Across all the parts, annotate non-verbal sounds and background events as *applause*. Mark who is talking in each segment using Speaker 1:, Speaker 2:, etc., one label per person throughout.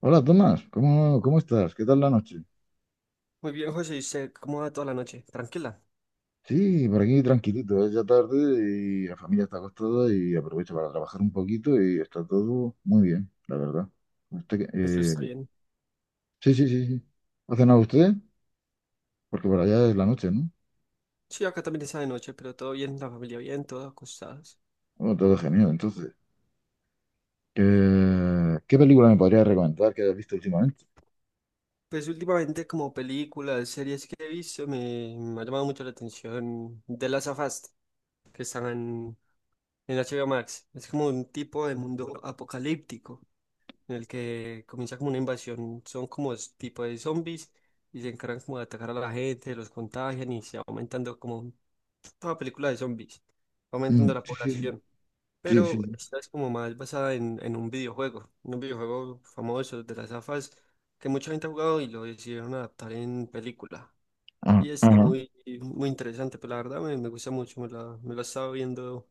Speaker 1: Hola Tomás, ¿cómo, cómo estás? ¿Qué tal la noche?
Speaker 2: Muy bien, José, ¿y usted cómo va toda la noche? Tranquila,
Speaker 1: Sí, por aquí tranquilito, es ya tarde y la familia está acostada y aprovecho para trabajar un poquito y está todo muy bien, la verdad. Usted,
Speaker 2: eso está
Speaker 1: eh,
Speaker 2: bien.
Speaker 1: sí, sí, sí, sí. ¿Ha cenado usted? Porque por allá es la noche, ¿no?
Speaker 2: Sí, acá también está de noche, pero todo bien, la familia bien, todos acostados.
Speaker 1: Bueno, todo genial, entonces. ¿Qué, ¿Qué película me podría recomendar que hayas visto últimamente?
Speaker 2: Pues últimamente como películas, series que he visto, me ha llamado mucho la atención de las of Us, que están en HBO Max. Es como un tipo de mundo apocalíptico, en el que comienza como una invasión, son como tipo de zombies, y se encargan como de atacar a la gente, los contagian y se va aumentando como toda película de zombies, va
Speaker 1: Mm,
Speaker 2: aumentando la
Speaker 1: sí, sí, sí.
Speaker 2: población.
Speaker 1: Sí, sí,
Speaker 2: Pero
Speaker 1: sí.
Speaker 2: esta es como más basada en un videojuego famoso de las AFAS que mucha gente ha jugado y lo decidieron adaptar en película.
Speaker 1: Ah,
Speaker 2: Y está
Speaker 1: ajá.
Speaker 2: muy interesante, pero la verdad me gusta mucho, me la estaba viendo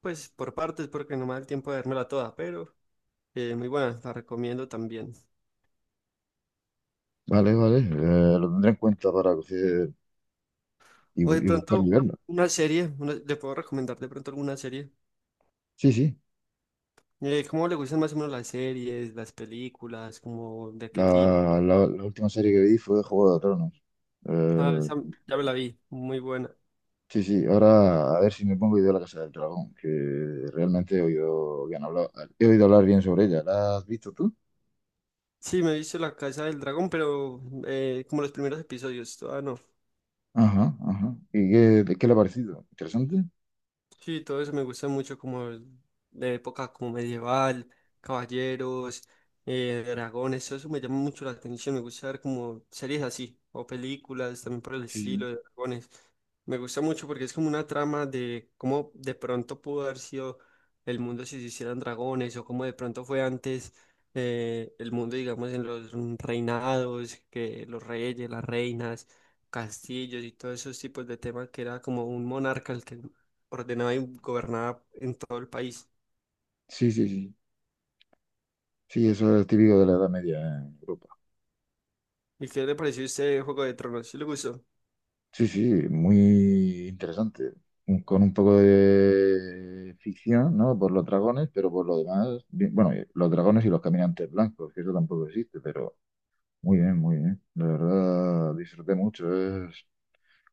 Speaker 2: pues por partes porque no me da el tiempo de vérmela toda, pero muy buena, la recomiendo también.
Speaker 1: Vale, vale. Lo tendré en cuenta para coger y,
Speaker 2: O de
Speaker 1: y
Speaker 2: pronto
Speaker 1: buscar y verla.
Speaker 2: una serie, le puedo recomendar de pronto alguna serie.
Speaker 1: Sí, sí.
Speaker 2: ¿Cómo le gustan más o menos las series, las películas, como de qué tipo?
Speaker 1: La última serie que vi fue Juego de Tronos.
Speaker 2: Ah, esa
Speaker 1: Eh,
Speaker 2: ya me la vi, muy buena.
Speaker 1: sí, sí, ahora a ver si me pongo y veo La Casa del Dragón, que realmente he oído hablar bien sobre ella. ¿La has visto tú?
Speaker 2: Sí, me he visto La Casa del Dragón, pero como los primeros episodios, todavía no.
Speaker 1: Ajá, ajá. ¿Qué le ha parecido? ¿Interesante?
Speaker 2: Sí, todo eso me gusta mucho, de época como medieval, caballeros, dragones, todo eso me llama mucho la atención. Me gusta ver como series así, o películas también por el
Speaker 1: Sí,
Speaker 2: estilo de dragones. Me gusta mucho porque es como una trama de cómo de pronto pudo haber sido el mundo si se hicieran dragones, o cómo de pronto fue antes el mundo, digamos, en los reinados, que los reyes, las reinas, castillos y todos esos tipos de temas que era como un monarca el que ordenada y gobernada en todo el país.
Speaker 1: sí, sí, sí. Sí, sí, eso es típico de la Edad Media en Europa.
Speaker 2: ¿Y qué le pareció este Juego de Tronos? ¿Sí le gustó?
Speaker 1: Sí, sí, muy interesante. Con un poco de ficción, ¿no? Por los dragones, pero por lo demás, bueno, y los dragones y los caminantes blancos, que eso tampoco existe, pero... Muy bien, muy bien. La verdad, disfruté mucho. Es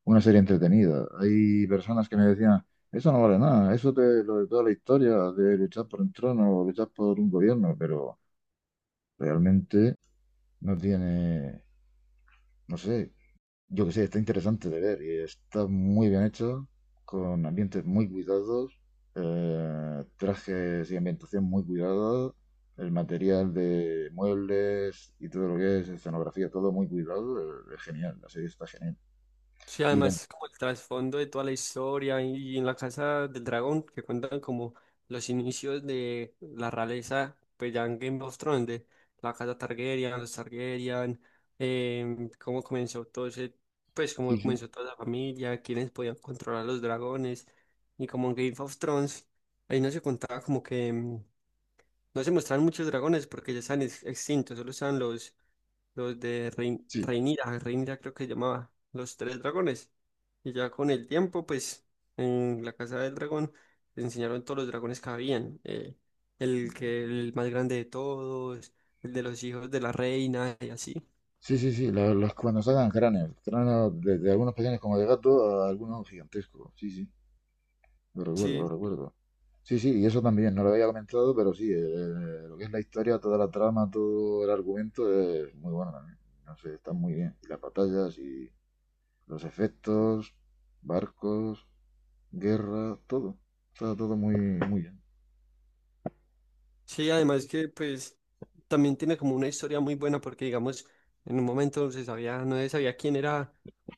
Speaker 1: una serie entretenida. Hay personas que me decían, eso no vale nada, eso de lo de toda la historia, de luchar por un trono o luchar por un gobierno, pero realmente no tiene, no sé, yo que sé, está interesante de ver y está muy bien hecho, con ambientes muy cuidados, trajes y ambientación muy cuidada, el material de muebles y todo lo que es escenografía, todo muy cuidado, es genial, la serie está genial.
Speaker 2: Sí,
Speaker 1: Y la-
Speaker 2: además, como el trasfondo de toda la historia y en la Casa del Dragón, que cuentan como los inicios de la realeza, pues ya en Game of Thrones, de la Casa Targaryen, los Targaryen, cómo comenzó todo ese, pues
Speaker 1: sí,
Speaker 2: cómo
Speaker 1: sí,
Speaker 2: comenzó toda la familia, quiénes podían controlar los dragones, y como en Game of Thrones, ahí no se contaba como que no se muestran muchos dragones porque ya están extintos, solo están los de Rein
Speaker 1: sí.
Speaker 2: Rhaenyra, Rhaenyra creo que se llamaba, los tres dragones. Y ya con el tiempo, pues, en la casa del dragón les enseñaron todos los dragones que habían. El que el más grande de todos, el de los hijos de la reina y así.
Speaker 1: Sí, sí, sí, cuando sacan cráneos, cráneos desde algunos pequeños como de gato a algunos gigantescos, sí, sí. Lo recuerdo, lo
Speaker 2: Sí.
Speaker 1: recuerdo. Sí, sí, y eso también, no lo había comentado, pero sí, lo que es la historia, toda la trama, todo el argumento es muy bueno también. No sé, está muy bien. Y las batallas y los efectos, barcos, guerra, todo. Está todo muy, muy bien.
Speaker 2: Sí, además que pues también tiene como una historia muy buena porque digamos, en un momento se sabía, no se sabía quién era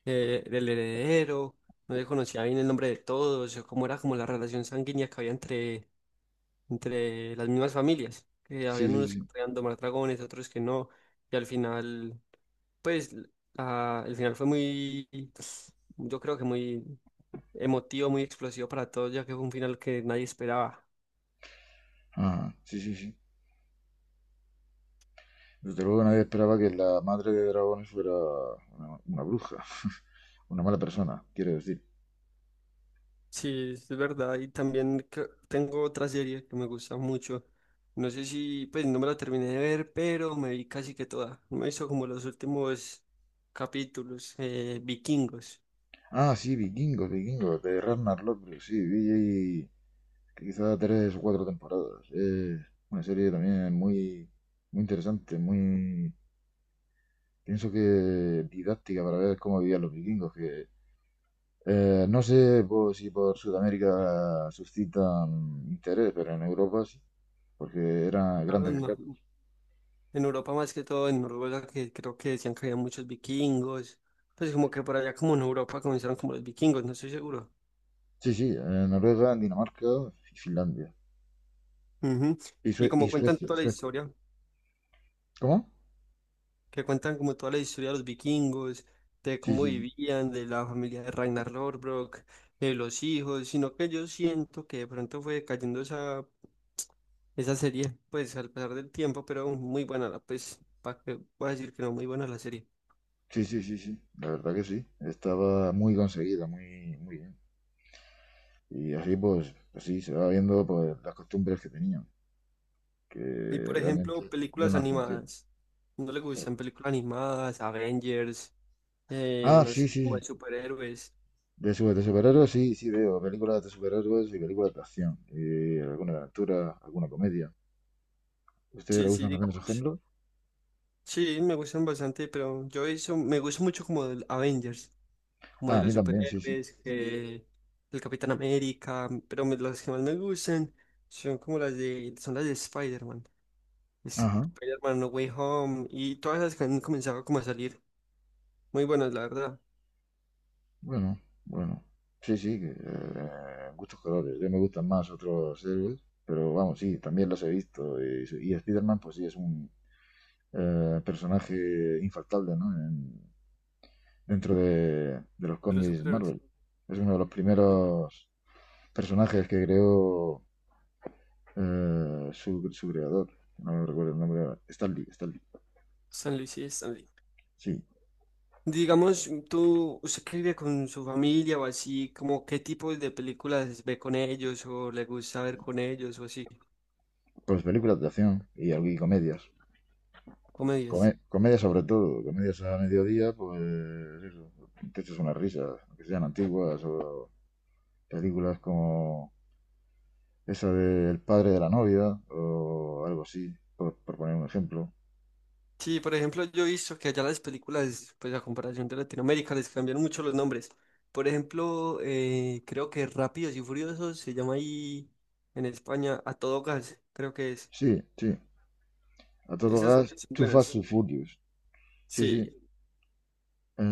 Speaker 2: el heredero, no se conocía bien el nombre de todos, o cómo era como la relación sanguínea que había entre las mismas familias, que
Speaker 1: Sí,
Speaker 2: habían
Speaker 1: sí,
Speaker 2: unos que
Speaker 1: sí.
Speaker 2: podían domar dragones, otros que no, y al final, pues el final fue yo creo que muy emotivo, muy explosivo para todos, ya que fue un final que nadie esperaba.
Speaker 1: Ajá, sí, sí, sí. Desde luego nadie esperaba que la madre de dragones fuera una bruja, *laughs* una mala persona, quiero decir.
Speaker 2: Sí, es verdad. Y también tengo otra serie que me gusta mucho. No sé si, pues no me la terminé de ver, pero me vi casi que toda. Me hizo como los últimos capítulos, vikingos.
Speaker 1: Ah, sí, vikingos, vikingos, de Ragnar Lothbrok, sí, vi quizá tres o cuatro temporadas. Es una serie también muy, muy interesante, muy, pienso que didáctica para ver cómo vivían los vikingos, que no sé pues, si por Sudamérica suscitan interés, pero en Europa sí, porque eran
Speaker 2: Claro,
Speaker 1: grandes guerreros.
Speaker 2: en Europa más que todo, en Noruega, que creo que decían que había muchos vikingos. Pues como que por allá como en Europa comenzaron como los vikingos, no estoy seguro.
Speaker 1: Sí, sí, en Noruega, en Dinamarca y Finlandia.
Speaker 2: Ujú.
Speaker 1: Y,
Speaker 2: Y
Speaker 1: Y
Speaker 2: como cuentan
Speaker 1: Suecia,
Speaker 2: toda la
Speaker 1: Suecia.
Speaker 2: historia,
Speaker 1: ¿Cómo?
Speaker 2: que cuentan como toda la historia de los vikingos, de
Speaker 1: Sí,
Speaker 2: cómo
Speaker 1: sí,
Speaker 2: vivían, de la familia de Ragnar Lothbrok, de los hijos, sino que yo siento que de pronto fue cayendo esa serie, pues al pasar del tiempo, pero muy buena la, pues, para que voy a decir que no, muy buena la serie.
Speaker 1: sí, sí, sí, sí, sí. La verdad que sí. Estaba muy conseguida, muy, muy bien. Y así pues, así se va viendo pues, las costumbres que tenían,
Speaker 2: Y
Speaker 1: que
Speaker 2: por ejemplo,
Speaker 1: realmente yo
Speaker 2: películas
Speaker 1: no las conocía.
Speaker 2: animadas. ¿No le
Speaker 1: Pero...
Speaker 2: gustan películas animadas, Avengers,
Speaker 1: Ah,
Speaker 2: no
Speaker 1: sí,
Speaker 2: sé,
Speaker 1: sí,
Speaker 2: como
Speaker 1: sí.
Speaker 2: de superhéroes?
Speaker 1: De, de superhéroes, sí, sí, veo películas de superhéroes y películas de acción, y alguna aventura, alguna comedia. ¿A ustedes les
Speaker 2: Sí, sí,
Speaker 1: gustan también esos
Speaker 2: digamos.
Speaker 1: géneros?
Speaker 2: Sí, me gustan bastante, pero yo eso, me gusta mucho como el Avengers, como
Speaker 1: Ah,
Speaker 2: de
Speaker 1: a
Speaker 2: los
Speaker 1: mí también, sí, sí.
Speaker 2: superhéroes, que el Capitán América, pero las que más me gustan son como las de, son las de Spider-Man,
Speaker 1: Ajá,
Speaker 2: Spider-Man No Way Home, y todas las que han comenzado como a salir, muy buenas, la verdad,
Speaker 1: bueno, bueno. Sí, sí, que, gustos colores. Yo me gustan más otros héroes, pero vamos, sí, también los he visto. Y Spider-Man, pues sí, es un personaje infaltable, ¿no? Dentro de los
Speaker 2: de los
Speaker 1: cómics
Speaker 2: superhéroes.
Speaker 1: Marvel. Es uno de los primeros personajes que creó su creador. No recuerdo el nombre ahora. Stanley, Stanley.
Speaker 2: Stan Lee, sí, Stan Lee.
Speaker 1: Sí,
Speaker 2: Digamos, usted que vive con su familia o así, como qué tipo de películas ve con ellos o le gusta ver con ellos o así,
Speaker 1: pues películas de acción y comedias.
Speaker 2: comedias.
Speaker 1: Comedia sobre todo, comedias a mediodía, pues eso, te echas unas risas, que sean antiguas o películas como esa del padre de la novia o algo así, por poner un ejemplo.
Speaker 2: Sí, por ejemplo, yo he visto que allá las películas, pues a comparación de Latinoamérica, les cambian mucho los nombres. Por ejemplo, creo que Rápidos y Furiosos se llama ahí en España A Todo Gas, creo que es.
Speaker 1: Sí, sí, a todo
Speaker 2: Esas
Speaker 1: gas,
Speaker 2: también son
Speaker 1: too fast,
Speaker 2: buenas.
Speaker 1: too furious. Sí, sí,
Speaker 2: Sí,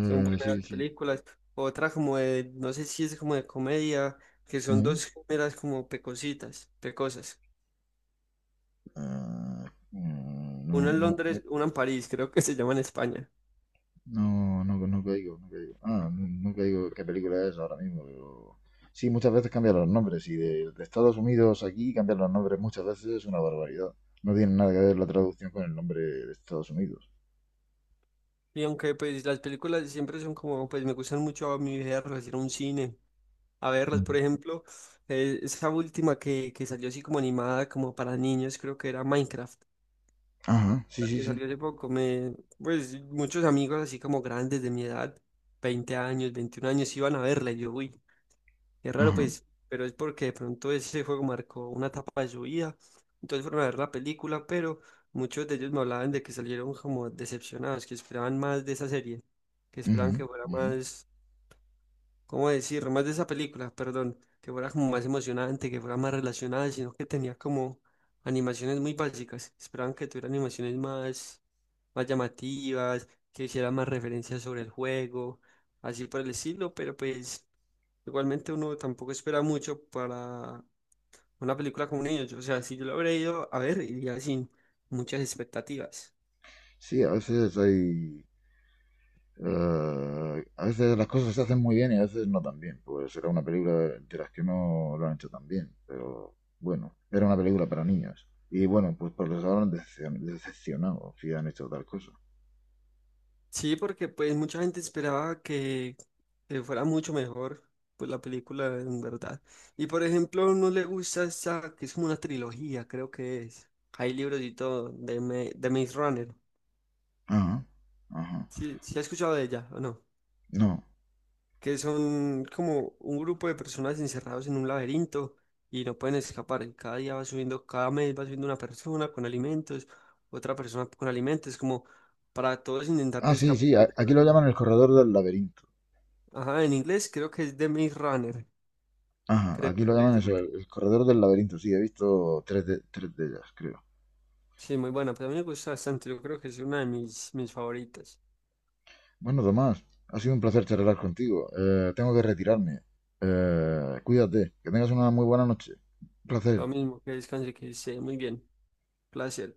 Speaker 2: son buenas
Speaker 1: sí, sí.
Speaker 2: películas. Otra como de, no sé si es como de comedia, que son
Speaker 1: Ujú.
Speaker 2: dos géneras como pecositas, pecosas.
Speaker 1: Ah, mm, no,
Speaker 2: Una en
Speaker 1: no,
Speaker 2: Londres, una en París, creo que se llama en España.
Speaker 1: no, no, no, no caigo, no caigo. Ah, no, no caigo qué película es ahora mismo, pero... Sí, muchas veces cambian los nombres y de Estados Unidos aquí cambian los nombres muchas veces es una barbaridad. No tiene nada que ver la traducción con el nombre de Estados Unidos.
Speaker 2: Y aunque pues las películas siempre son como, pues me gustan mucho a mi viaje a un cine a verlas.
Speaker 1: Ujú.
Speaker 2: Por ejemplo, esa última que salió así como animada, como para niños, creo que era Minecraft,
Speaker 1: Ajá, sí,
Speaker 2: la
Speaker 1: sí,
Speaker 2: que
Speaker 1: sí.
Speaker 2: salió hace poco. Pues muchos amigos así como grandes de mi edad, 20 años, 21 años, iban a verla. Y yo, uy, es raro,
Speaker 1: Ajá.
Speaker 2: pues, pero es porque de pronto ese juego marcó una etapa de su vida. Entonces fueron a ver la película, pero muchos de ellos me hablaban de que salieron como decepcionados, que esperaban más de esa serie, que
Speaker 1: Ujú,
Speaker 2: esperaban que fuera
Speaker 1: ujú.
Speaker 2: más, ¿cómo decir? Más de esa película, perdón, que fuera como más emocionante, que fuera más relacionada, sino que tenía como animaciones muy básicas. Esperaban que tuviera animaciones más llamativas, que hiciera más referencias sobre el juego, así por el estilo, pero pues igualmente uno tampoco espera mucho para una película con un niño, o sea, si yo lo habría ido a ver, iría sin muchas expectativas.
Speaker 1: Sí, a veces hay... a veces las cosas se hacen muy bien y a veces no tan bien. Pues era una película de las que no lo han hecho tan bien, pero bueno, era una película para niños. Y bueno, pues, pues les habrán decepcionado si han hecho tal cosa.
Speaker 2: Sí, porque pues mucha gente esperaba que fuera mucho mejor pues la película en verdad. Y por ejemplo, no le gusta esa, que es como una trilogía, creo que es. Hay libros y todo de, de Maze Runner.
Speaker 1: Ajá, ajá.
Speaker 2: ¿Sí, sí ha escuchado de ella o no?
Speaker 1: No.
Speaker 2: Que son como un grupo de personas encerrados en un laberinto y no pueden escapar. Y cada día va subiendo, cada mes va subiendo una persona con alimentos, otra persona con alimentos, como para todos intentar
Speaker 1: Ah,
Speaker 2: de
Speaker 1: sí, sí,
Speaker 2: escapar
Speaker 1: aquí
Speaker 2: de...
Speaker 1: lo llaman el corredor del laberinto.
Speaker 2: Ajá, en inglés creo que es The Maze Runner,
Speaker 1: Ajá,
Speaker 2: creo.
Speaker 1: aquí lo
Speaker 2: Que es
Speaker 1: llaman
Speaker 2: de...
Speaker 1: eso, el corredor del laberinto. Sí, he visto tres de ellas, creo.
Speaker 2: Sí, muy buena, pero a mí me gusta bastante, yo creo que es una de mis favoritas.
Speaker 1: Bueno, Tomás, ha sido un placer charlar contigo. Tengo que retirarme. Cuídate, que tengas una muy buena noche. Un placer.
Speaker 2: Lo mismo que descanse, que esté muy bien. Placer.